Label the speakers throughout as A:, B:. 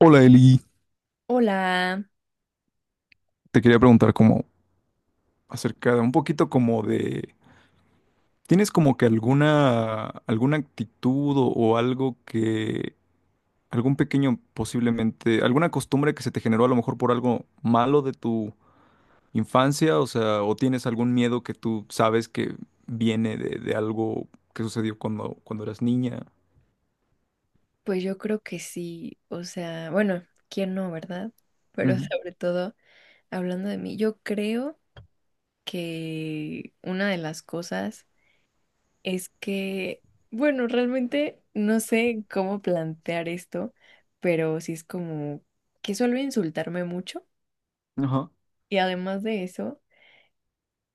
A: Hola Eli,
B: Hola,
A: te quería preguntar como acerca de un poquito como de, ¿tienes como que alguna actitud o algo que algún pequeño posiblemente alguna costumbre que se te generó a lo mejor por algo malo de tu infancia, o sea, o tienes algún miedo que tú sabes que viene de algo que sucedió cuando eras niña?
B: pues yo creo que sí, o sea, bueno, ¿quién no, verdad? Pero
A: Ujú.
B: sobre todo, hablando de mí, yo creo que una de las cosas es que, bueno, realmente no sé cómo plantear esto, pero sí es como que suelo insultarme mucho
A: Ajá.
B: y además de eso,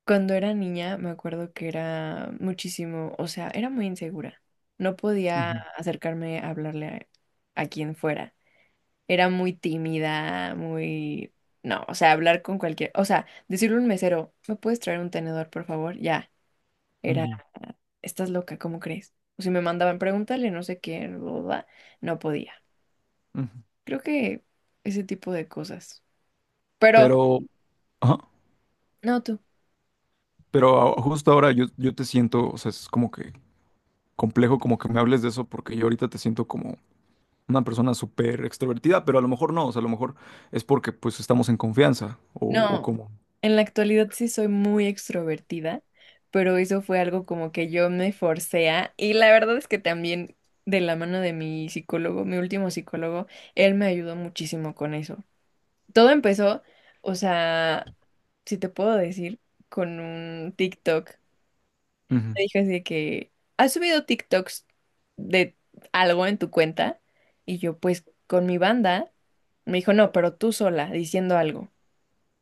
B: cuando era niña me acuerdo que era muchísimo, o sea, era muy insegura, no podía
A: Ujú.
B: acercarme a hablarle a quien fuera. Era muy tímida, muy. No, o sea, hablar con cualquier. O sea, decirle a un mesero, ¿me puedes traer un tenedor, por favor? Ya, era,
A: Ujú.
B: estás loca, ¿cómo crees? O si me mandaban preguntarle, no sé qué, bla, bla, bla, no podía.
A: Ujú.
B: Creo que ese tipo de cosas. Pero,
A: Pero ajá,
B: no tú.
A: pero justo ahora yo te siento, o sea, es como que complejo como que me hables de eso porque yo ahorita te siento como una persona súper extrovertida, pero a lo mejor no, o sea, a lo mejor es porque pues estamos en confianza o
B: No,
A: como...
B: en la actualidad sí soy muy extrovertida, pero eso fue algo como que yo me forcé a. Y la verdad es que también de la mano de mi psicólogo, mi último psicólogo, él me ayudó muchísimo con eso. Todo empezó, o sea, si te puedo decir, con un TikTok.
A: Ujú.
B: Me dijo así de que, ¿has subido TikToks de algo en tu cuenta? Y yo, pues, con mi banda. Me dijo, no, pero tú sola, diciendo algo.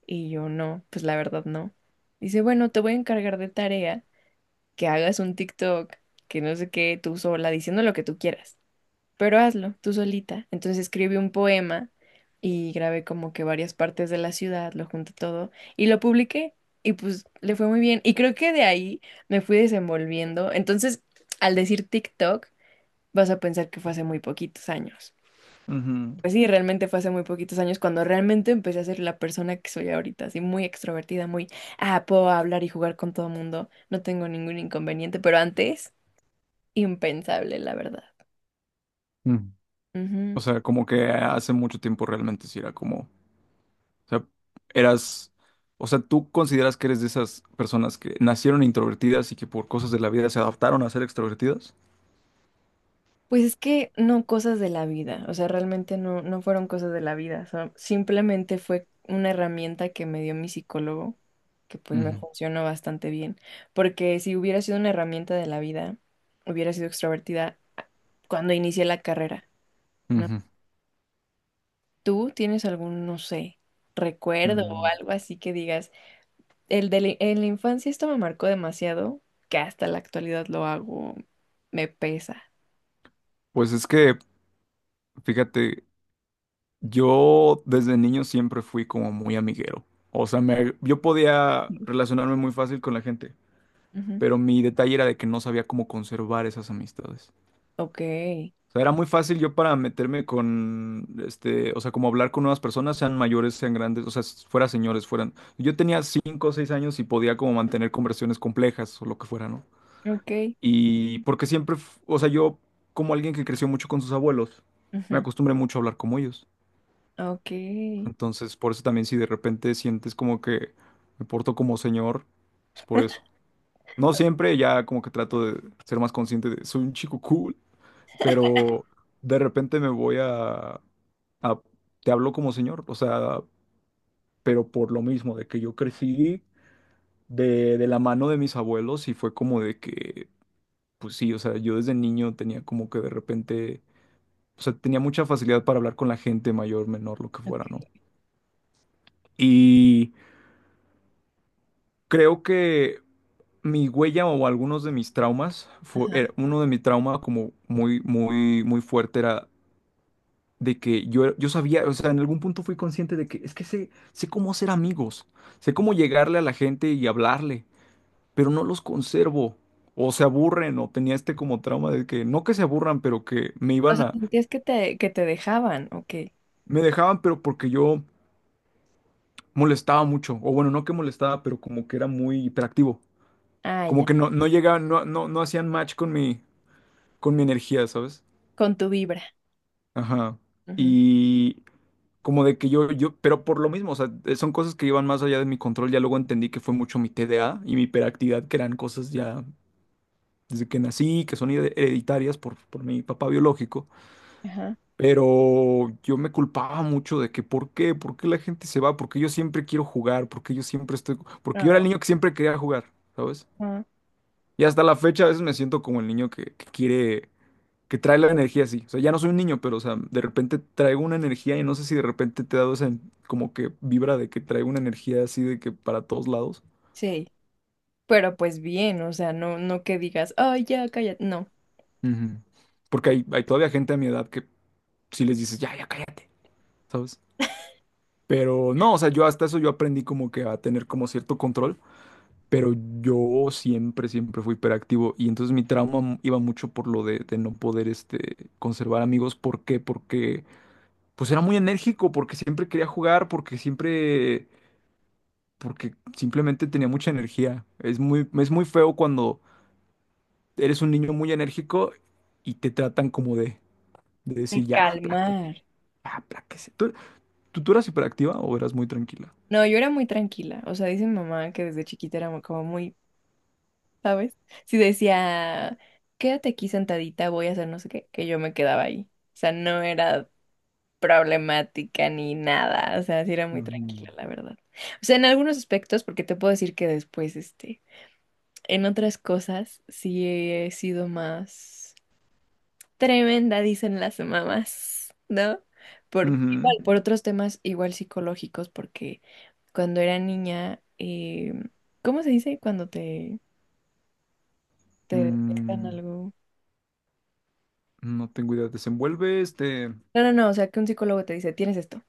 B: Y yo, no, pues la verdad no. Dice, bueno, te voy a encargar de tarea que hagas un TikTok, que no sé qué, tú sola, diciendo lo que tú quieras pero hazlo tú solita. Entonces escribí un poema y grabé como que varias partes de la ciudad, lo junté todo y lo publiqué y pues le fue muy bien. Y creo que de ahí me fui desenvolviendo. Entonces, al decir TikTok, vas a pensar que fue hace muy poquitos años.
A: Ujú.
B: Pues sí, realmente fue hace muy poquitos años cuando realmente empecé a ser la persona que soy ahorita, así muy extrovertida, muy, ah, puedo hablar y jugar con todo mundo, no tengo ningún inconveniente, pero antes, impensable, la verdad.
A: Ujú. O sea, como que hace mucho tiempo realmente sí era como, o sea, eras, o sea, ¿tú consideras que eres de esas personas que nacieron introvertidas y que por cosas de la vida se adaptaron a ser extrovertidas?
B: Pues es que no cosas de la vida, o sea, realmente no, no fueron cosas de la vida, simplemente fue una herramienta que me dio mi psicólogo, que pues me
A: Ujú.
B: funcionó bastante bien, porque si hubiera sido una herramienta de la vida, hubiera sido extrovertida cuando inicié la carrera, ¿no?
A: Ujú.
B: ¿Tú tienes algún, no sé, recuerdo o
A: Mm.
B: algo así que digas, en la infancia esto me marcó demasiado, que hasta la actualidad lo hago, me pesa?
A: Pues es que, fíjate. Yo desde niño siempre fui como muy amiguero. O sea, yo podía relacionarme muy fácil con la gente,
B: Ujú.
A: pero mi detalle era de que no sabía cómo conservar esas amistades.
B: Ok,
A: O sea, era muy fácil yo para meterme con, este, o sea, como hablar con nuevas personas, sean mayores, sean grandes, o sea, fuera señores, fueran. Yo tenía cinco o seis años y podía como mantener conversaciones complejas o lo que fuera, ¿no?
B: ok.
A: Y porque siempre, o sea, yo como alguien que creció mucho con sus abuelos, me
B: Ujú.
A: acostumbré mucho a hablar como ellos.
B: Ok,
A: Entonces, por eso también si de repente sientes como que me porto como señor, es por eso. No siempre, ya como que trato de ser más consciente de soy un chico cool, pero de repente me voy a, a- te hablo como señor, o sea, pero por lo mismo, de que yo crecí de la mano de mis abuelos y fue como de que, pues sí, o sea, yo desde niño tenía como que de repente, o sea, tenía mucha facilidad para hablar con la gente mayor, menor, lo que
B: ok,
A: fuera, ¿no? Y creo que... Mi huella o algunos de mis traumas, fue,
B: ajá.
A: uno de mis traumas como muy, muy, muy fuerte era de que yo, yo sabía, o sea, en algún punto fui consciente de que es que sé, sé cómo hacer amigos, sé cómo llegarle a la gente y hablarle, pero no los conservo, o se aburren, o tenía este como trauma de que no que se aburran, pero que me
B: O
A: iban
B: sea,
A: a,
B: sentías que te, dejaban, ok.
A: me dejaban, pero porque yo molestaba mucho, o bueno, no que molestaba, pero como que era muy hiperactivo,
B: Ah, ya,
A: como que no, no llegaban, no, no, no hacían match con mi energía, ¿sabes?
B: con tu vibra.
A: Ajá.
B: Ujú.
A: Y como de que yo, pero por lo mismo, o sea, son cosas que iban más allá de mi control. Ya luego entendí que fue mucho mi TDA y mi hiperactividad, que eran cosas ya desde que nací, que son hereditarias por mi papá biológico.
B: Ajá.
A: Pero yo me culpaba mucho de que, ¿por qué? ¿Por qué la gente se va? ¿Porque yo siempre quiero jugar? ¿Porque yo siempre estoy...? Porque yo era
B: Ah,
A: el niño que siempre quería jugar, ¿sabes?
B: ajá.
A: Y hasta la fecha a veces me siento como el niño que quiere que trae la energía así. O sea, ya no soy un niño, pero, o sea, de repente traigo una energía y no sé si de repente te he dado esa como que vibra de que traigo una energía así de que para todos lados.
B: Sí, pero pues bien, o sea, no, no que digas, ay, ya, cállate, no.
A: Ujú. Porque hay todavía gente a mi edad que si les dices, ya, ya cállate, ¿sabes? Pero no, o sea, yo hasta eso yo aprendí como que a tener como cierto control, pero yo siempre, siempre fui hiperactivo y entonces mi trauma iba mucho por lo de no poder este, conservar amigos. ¿Por qué? Porque pues era muy enérgico, porque siempre quería jugar, porque siempre porque simplemente tenía mucha energía. Es muy feo cuando eres un niño muy enérgico y te tratan como de
B: De
A: decir, ya,
B: calmar.
A: aplácate, ya, apláquese. ¿Tú, tú eras hiperactiva o eras muy tranquila?
B: No, yo era muy tranquila. O sea, dice mi mamá que desde chiquita era como muy, ¿sabes? Si decía, quédate aquí sentadita, voy a hacer no sé qué, que yo me quedaba ahí. O sea, no era problemática ni nada, o sea, sí era muy
A: Ujú.
B: tranquila, la verdad. O sea, en algunos aspectos, porque te puedo decir que después, este, en otras cosas, sí he sido más tremenda, dicen las mamás, ¿no? Por, igual,
A: Ujú.
B: por otros temas igual psicológicos, porque cuando era niña, ¿cómo se dice cuando te detectan
A: Mm,
B: algo?
A: no tengo idea. Desenvuelve este
B: No, no, no, o sea, que un psicólogo te dice, tienes esto.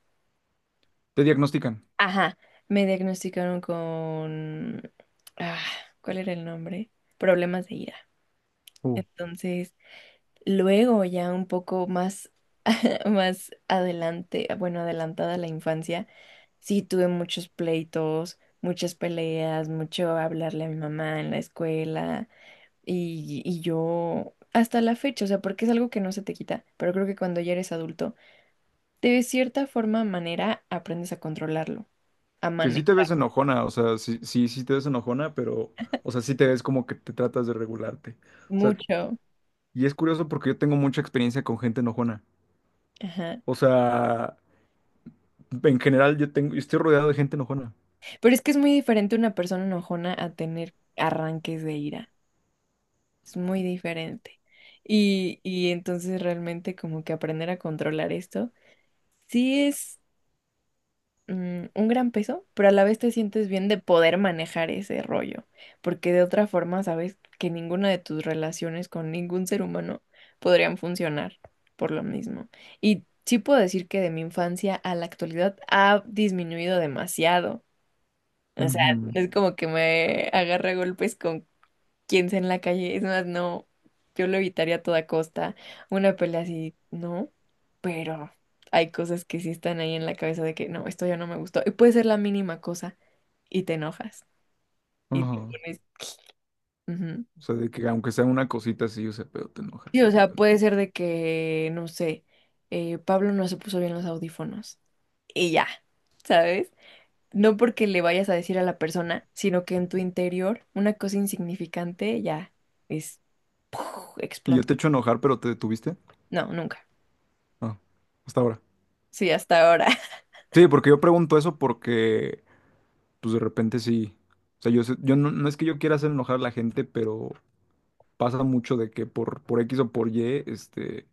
A: te diagnostican.
B: Ajá, me diagnosticaron con. Ah, ¿cuál era el nombre? Problemas de ira.
A: Uh,
B: Entonces, luego ya un poco más, más adelante, bueno, adelantada la infancia, sí tuve muchos pleitos, muchas peleas, mucho hablarle a mi mamá en la escuela y yo. Hasta la fecha, o sea, porque es algo que no se te quita, pero creo que cuando ya eres adulto, de cierta forma, manera, aprendes a controlarlo, a
A: que sí te
B: manejar
A: ves enojona, o sea, sí, sí, sí te ves enojona, pero, o sea, sí te ves como que te tratas de regularte. O sea,
B: mucho.
A: y es curioso porque yo tengo mucha experiencia con gente enojona.
B: Ajá.
A: O sea, en general, yo tengo, yo estoy rodeado de gente enojona.
B: Pero es que es muy diferente una persona enojona a tener arranques de ira. Es muy diferente. Y entonces realmente como que aprender a controlar esto sí es un gran peso, pero a la vez te sientes bien de poder manejar ese rollo, porque de otra forma sabes que ninguna de tus relaciones con ningún ser humano podrían funcionar por lo mismo. Y sí puedo decir que de mi infancia a la actualidad ha disminuido demasiado. O sea, no
A: Ujú.
B: es como que me agarra a golpes con quien sea en la calle. Es más, no, yo lo evitaría a toda costa. Una pelea así, no. Pero hay cosas que sí están ahí en la cabeza de que no, esto ya no me gustó. Y puede ser la mínima cosa y te enojas y te
A: Ajá.
B: pones. Ujú.
A: O sea, de que aunque sea una cosita así, o sea, pero te enojas
B: Sí, o
A: de
B: sea,
A: repente.
B: puede ser de que, no sé, Pablo no se puso bien los audífonos y ya, ¿sabes? No porque le vayas a decir a la persona, sino que en tu interior una cosa insignificante ya, es,
A: Y yo
B: explota.
A: te echo a enojar, pero te detuviste.
B: No, nunca.
A: Ah, hasta ahora.
B: Sí, hasta ahora.
A: Sí, porque yo pregunto eso porque, pues de repente sí. O sea, yo, yo no, no es que yo quiera hacer enojar a la gente, pero pasa mucho de que por X o por Y, este,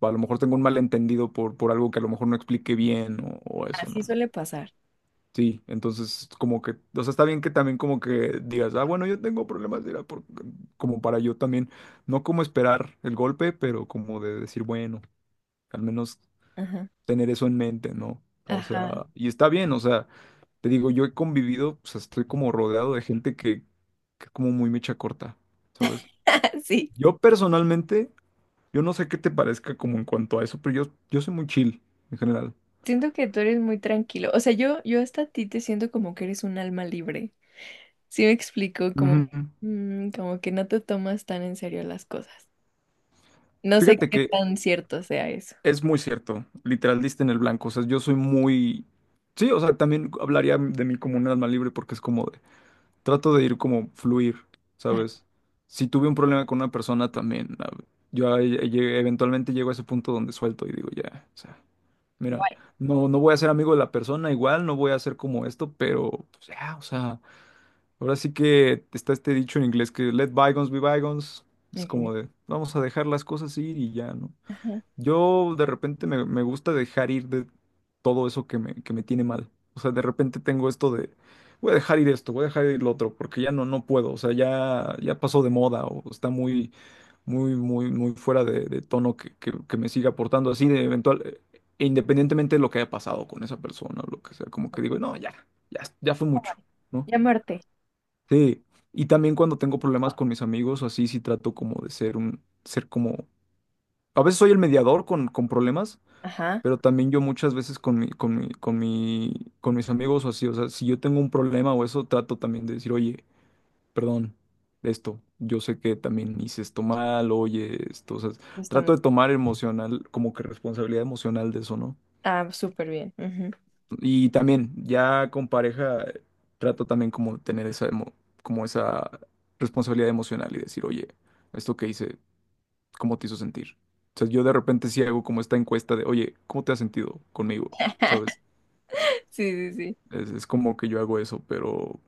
A: a lo mejor tengo un malentendido por algo que a lo mejor no expliqué bien o eso, ¿no?
B: Así suele pasar.
A: Sí, entonces como que, o sea, está bien que también como que digas, ah, bueno, yo tengo problemas de ira como para yo también, no como esperar el golpe, pero como de decir, bueno, al menos
B: Ajá.
A: tener eso en mente, ¿no? O
B: Ajá.
A: sea, y está bien, o sea, te digo, yo he convivido, o sea, estoy como rodeado de gente que es como muy mecha corta, ¿sabes?
B: Sí.
A: Yo personalmente, yo no sé qué te parezca como en cuanto a eso, pero yo soy muy chill en general.
B: Siento que tú eres muy tranquilo. O sea, yo hasta a ti te siento como que eres un alma libre. Sí me explico, como,
A: Ujú.
B: mm, como que no te tomas tan en serio las cosas. No sé
A: Fíjate
B: qué
A: que
B: tan cierto sea eso.
A: es muy cierto, literal diste en el blanco, o sea, yo soy muy... Sí, o sea, también hablaría de mí como un alma libre porque es como de... Trato de ir como fluir,
B: Ah,
A: ¿sabes? Si tuve un problema con una persona también, eventualmente llego a ese punto donde suelto y digo, ya, o sea, mira,
B: bueno.
A: no, no voy a ser amigo de la persona igual, no voy a hacer como esto, pero pues, ya, o sea, ahora sí que está este dicho en inglés que let bygones be bygones, es
B: Ok.
A: como de, vamos a dejar las cosas ir y ya, ¿no?
B: Ajá.
A: Yo de repente me gusta dejar ir de todo eso que me tiene mal. O sea, de repente tengo esto de, voy a dejar ir esto, voy a dejar ir lo otro, porque ya no, no puedo. O sea, ya, ya pasó de moda o está muy, muy, muy, muy fuera de tono que, que me siga aportando así de eventual, e independientemente de lo que haya pasado con esa persona o lo que sea, como que digo, no, ya, ya, ya fue mucho, ¿no?
B: Ya muerte.
A: Sí. Y también cuando tengo problemas con mis amigos o así, sí trato como de ser un, ser como... A veces soy el mediador con problemas
B: Ajá.
A: pero también yo muchas veces con mi, con mis amigos o así, o sea, si yo tengo un problema o eso, trato también de decir, oye, perdón, esto, yo sé que también hice esto mal, oye, esto, o sea,
B: Está mu-
A: trato de tomar emocional, como que responsabilidad emocional de eso, ¿no?
B: Ah, súper bien. Ujú.
A: Y también, ya con pareja, trato también como de tener esa, como esa responsabilidad emocional y decir, oye, esto que hice, ¿cómo te hizo sentir? O sea, yo de repente sí hago como esta encuesta de, oye, ¿cómo te has sentido conmigo? ¿Sabes?
B: Sí, sí, sí.
A: Es como que yo hago eso, pero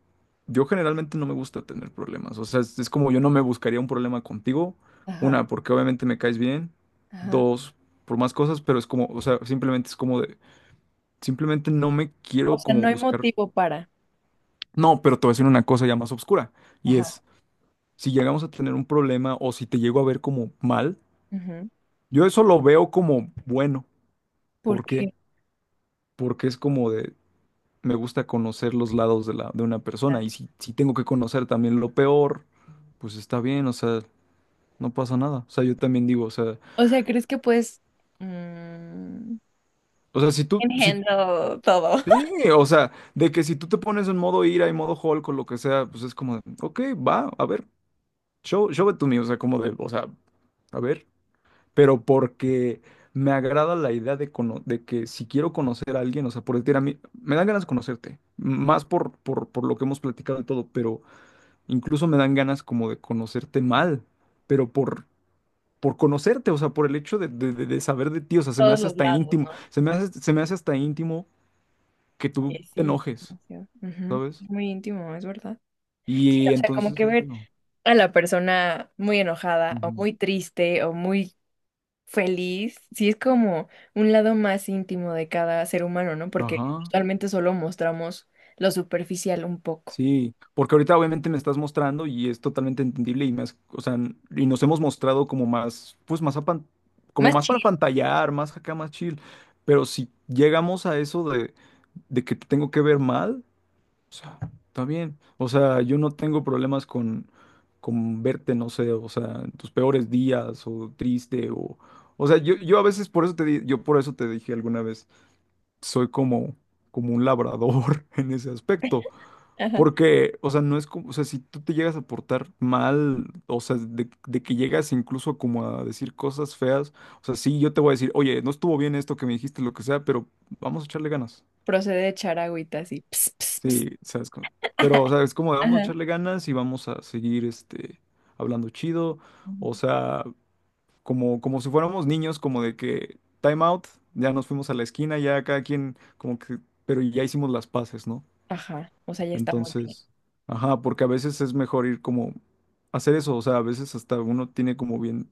A: yo generalmente no me gusta tener problemas. O sea, es como yo no me buscaría un problema contigo.
B: Ajá.
A: Una, porque obviamente me caes bien.
B: Ajá.
A: Dos, por más cosas, pero es como, o sea, simplemente es como de, simplemente no me
B: O
A: quiero
B: sea,
A: como
B: no hay
A: buscar.
B: motivo para.
A: No, pero te voy a decir una cosa ya más oscura. Y
B: Ajá.
A: es, si llegamos a tener un problema o si te llego a ver como mal,
B: Ujú.
A: yo eso lo veo como bueno.
B: ¿Por
A: ¿Por
B: qué?
A: qué? Porque es como de, me gusta conocer los lados de la, de una persona. Y si, si tengo que conocer también lo peor, pues está bien, o sea, no pasa nada. O sea, yo también digo,
B: O sea, ¿crees que puedes mm,
A: o sea, si tú, si,
B: Engendro todo.
A: sí, o sea, de que si tú te pones en modo ira y modo Hulk o lo que sea, pues es como de, ok, va, a ver, show, show it to me, o sea, como de, o sea, a ver. Pero porque me agrada la idea de, de que si quiero conocer a alguien, o sea, por decir a mí, me dan ganas de conocerte, más por lo que hemos platicado y todo, pero incluso me dan ganas como de conocerte mal, pero por conocerte, o sea, por el hecho de, de saber de ti, o sea, se me
B: Todos
A: hace
B: los
A: hasta
B: lados,
A: íntimo,
B: ¿no?
A: se me hace hasta íntimo que tú
B: Oye,
A: te
B: sí,
A: enojes,
B: demasiado. Ujú.
A: ¿sabes?
B: Es muy íntimo, es verdad. Sí,
A: Y
B: o sea, como
A: entonces,
B: que
A: eso
B: ver
A: no.
B: a la persona muy enojada o
A: Ujú.
B: muy triste o muy feliz, sí es como un lado más íntimo de cada ser humano, ¿no? Porque
A: Ajá,
B: usualmente solo mostramos lo superficial un poco.
A: sí, porque ahorita obviamente me estás mostrando y es totalmente entendible y más, o sea, y nos hemos mostrado como más, pues más a como
B: Más
A: más para
B: chill.
A: pantallar, más acá, más chill, pero si llegamos a eso de que te tengo que ver mal. O sea, está bien. O sea, yo no tengo problemas con verte, no sé, o sea, en tus peores días o triste o... O sea, yo a veces por eso te yo por eso te dije alguna vez, soy como, como un labrador en ese aspecto.
B: Ajá.
A: Porque, o sea, no es como, o sea, si tú te llegas a portar mal, o sea, de que llegas incluso como a decir cosas feas, o sea, sí, yo te voy a decir, oye, no estuvo bien esto que me dijiste, lo que sea, pero vamos a echarle ganas.
B: Procede de echar agüita así. Ps, ps, ps.
A: Sí, sabes, pero, o sea, es como vamos a
B: Ajá.
A: echarle ganas y vamos a seguir, este, hablando chido,
B: Ujú.
A: o sea, como, como si fuéramos niños, como de que time out, ya nos fuimos a la esquina, ya cada quien, como que, pero ya hicimos las paces, ¿no?
B: Ajá. O sea, ya estamos bien.
A: Entonces, ajá, porque a veces es mejor ir como, hacer eso, o sea, a veces hasta uno tiene como bien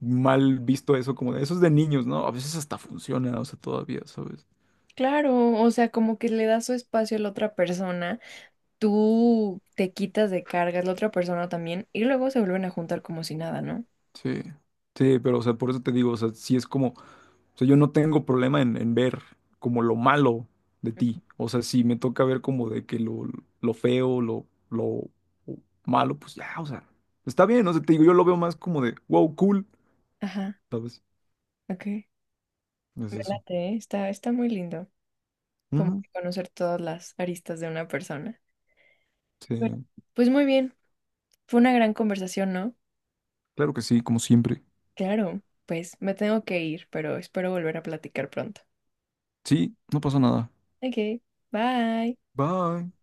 A: mal visto eso, como de, eso es de niños, ¿no? A veces hasta funciona, o sea, todavía, ¿sabes?
B: Claro, o sea, como que le das su espacio a la otra persona, tú te quitas de cargas, la otra persona también, y luego se vuelven a juntar como si nada, ¿no?
A: Sí, sí, pero, o sea, por eso te digo, o sea, sí es como... O sea, yo no tengo problema en ver como lo malo de ti. O sea, si me toca ver como de que lo feo, lo malo, pues ya, o sea, está bien, o sea, te digo, yo lo veo más como de, wow, cool,
B: Ajá,
A: ¿sabes?
B: ok.
A: Es
B: Me
A: eso.
B: late, ¿eh? Está, está muy lindo, como
A: Ujú.
B: que conocer todas las aristas de una persona.
A: Sí,
B: Bueno, pues muy bien, fue una gran conversación, ¿no?
A: claro que sí, como siempre.
B: Claro, pues me tengo que ir, pero espero volver a platicar pronto.
A: Sí, no pasa nada.
B: Ok, bye.
A: Bye.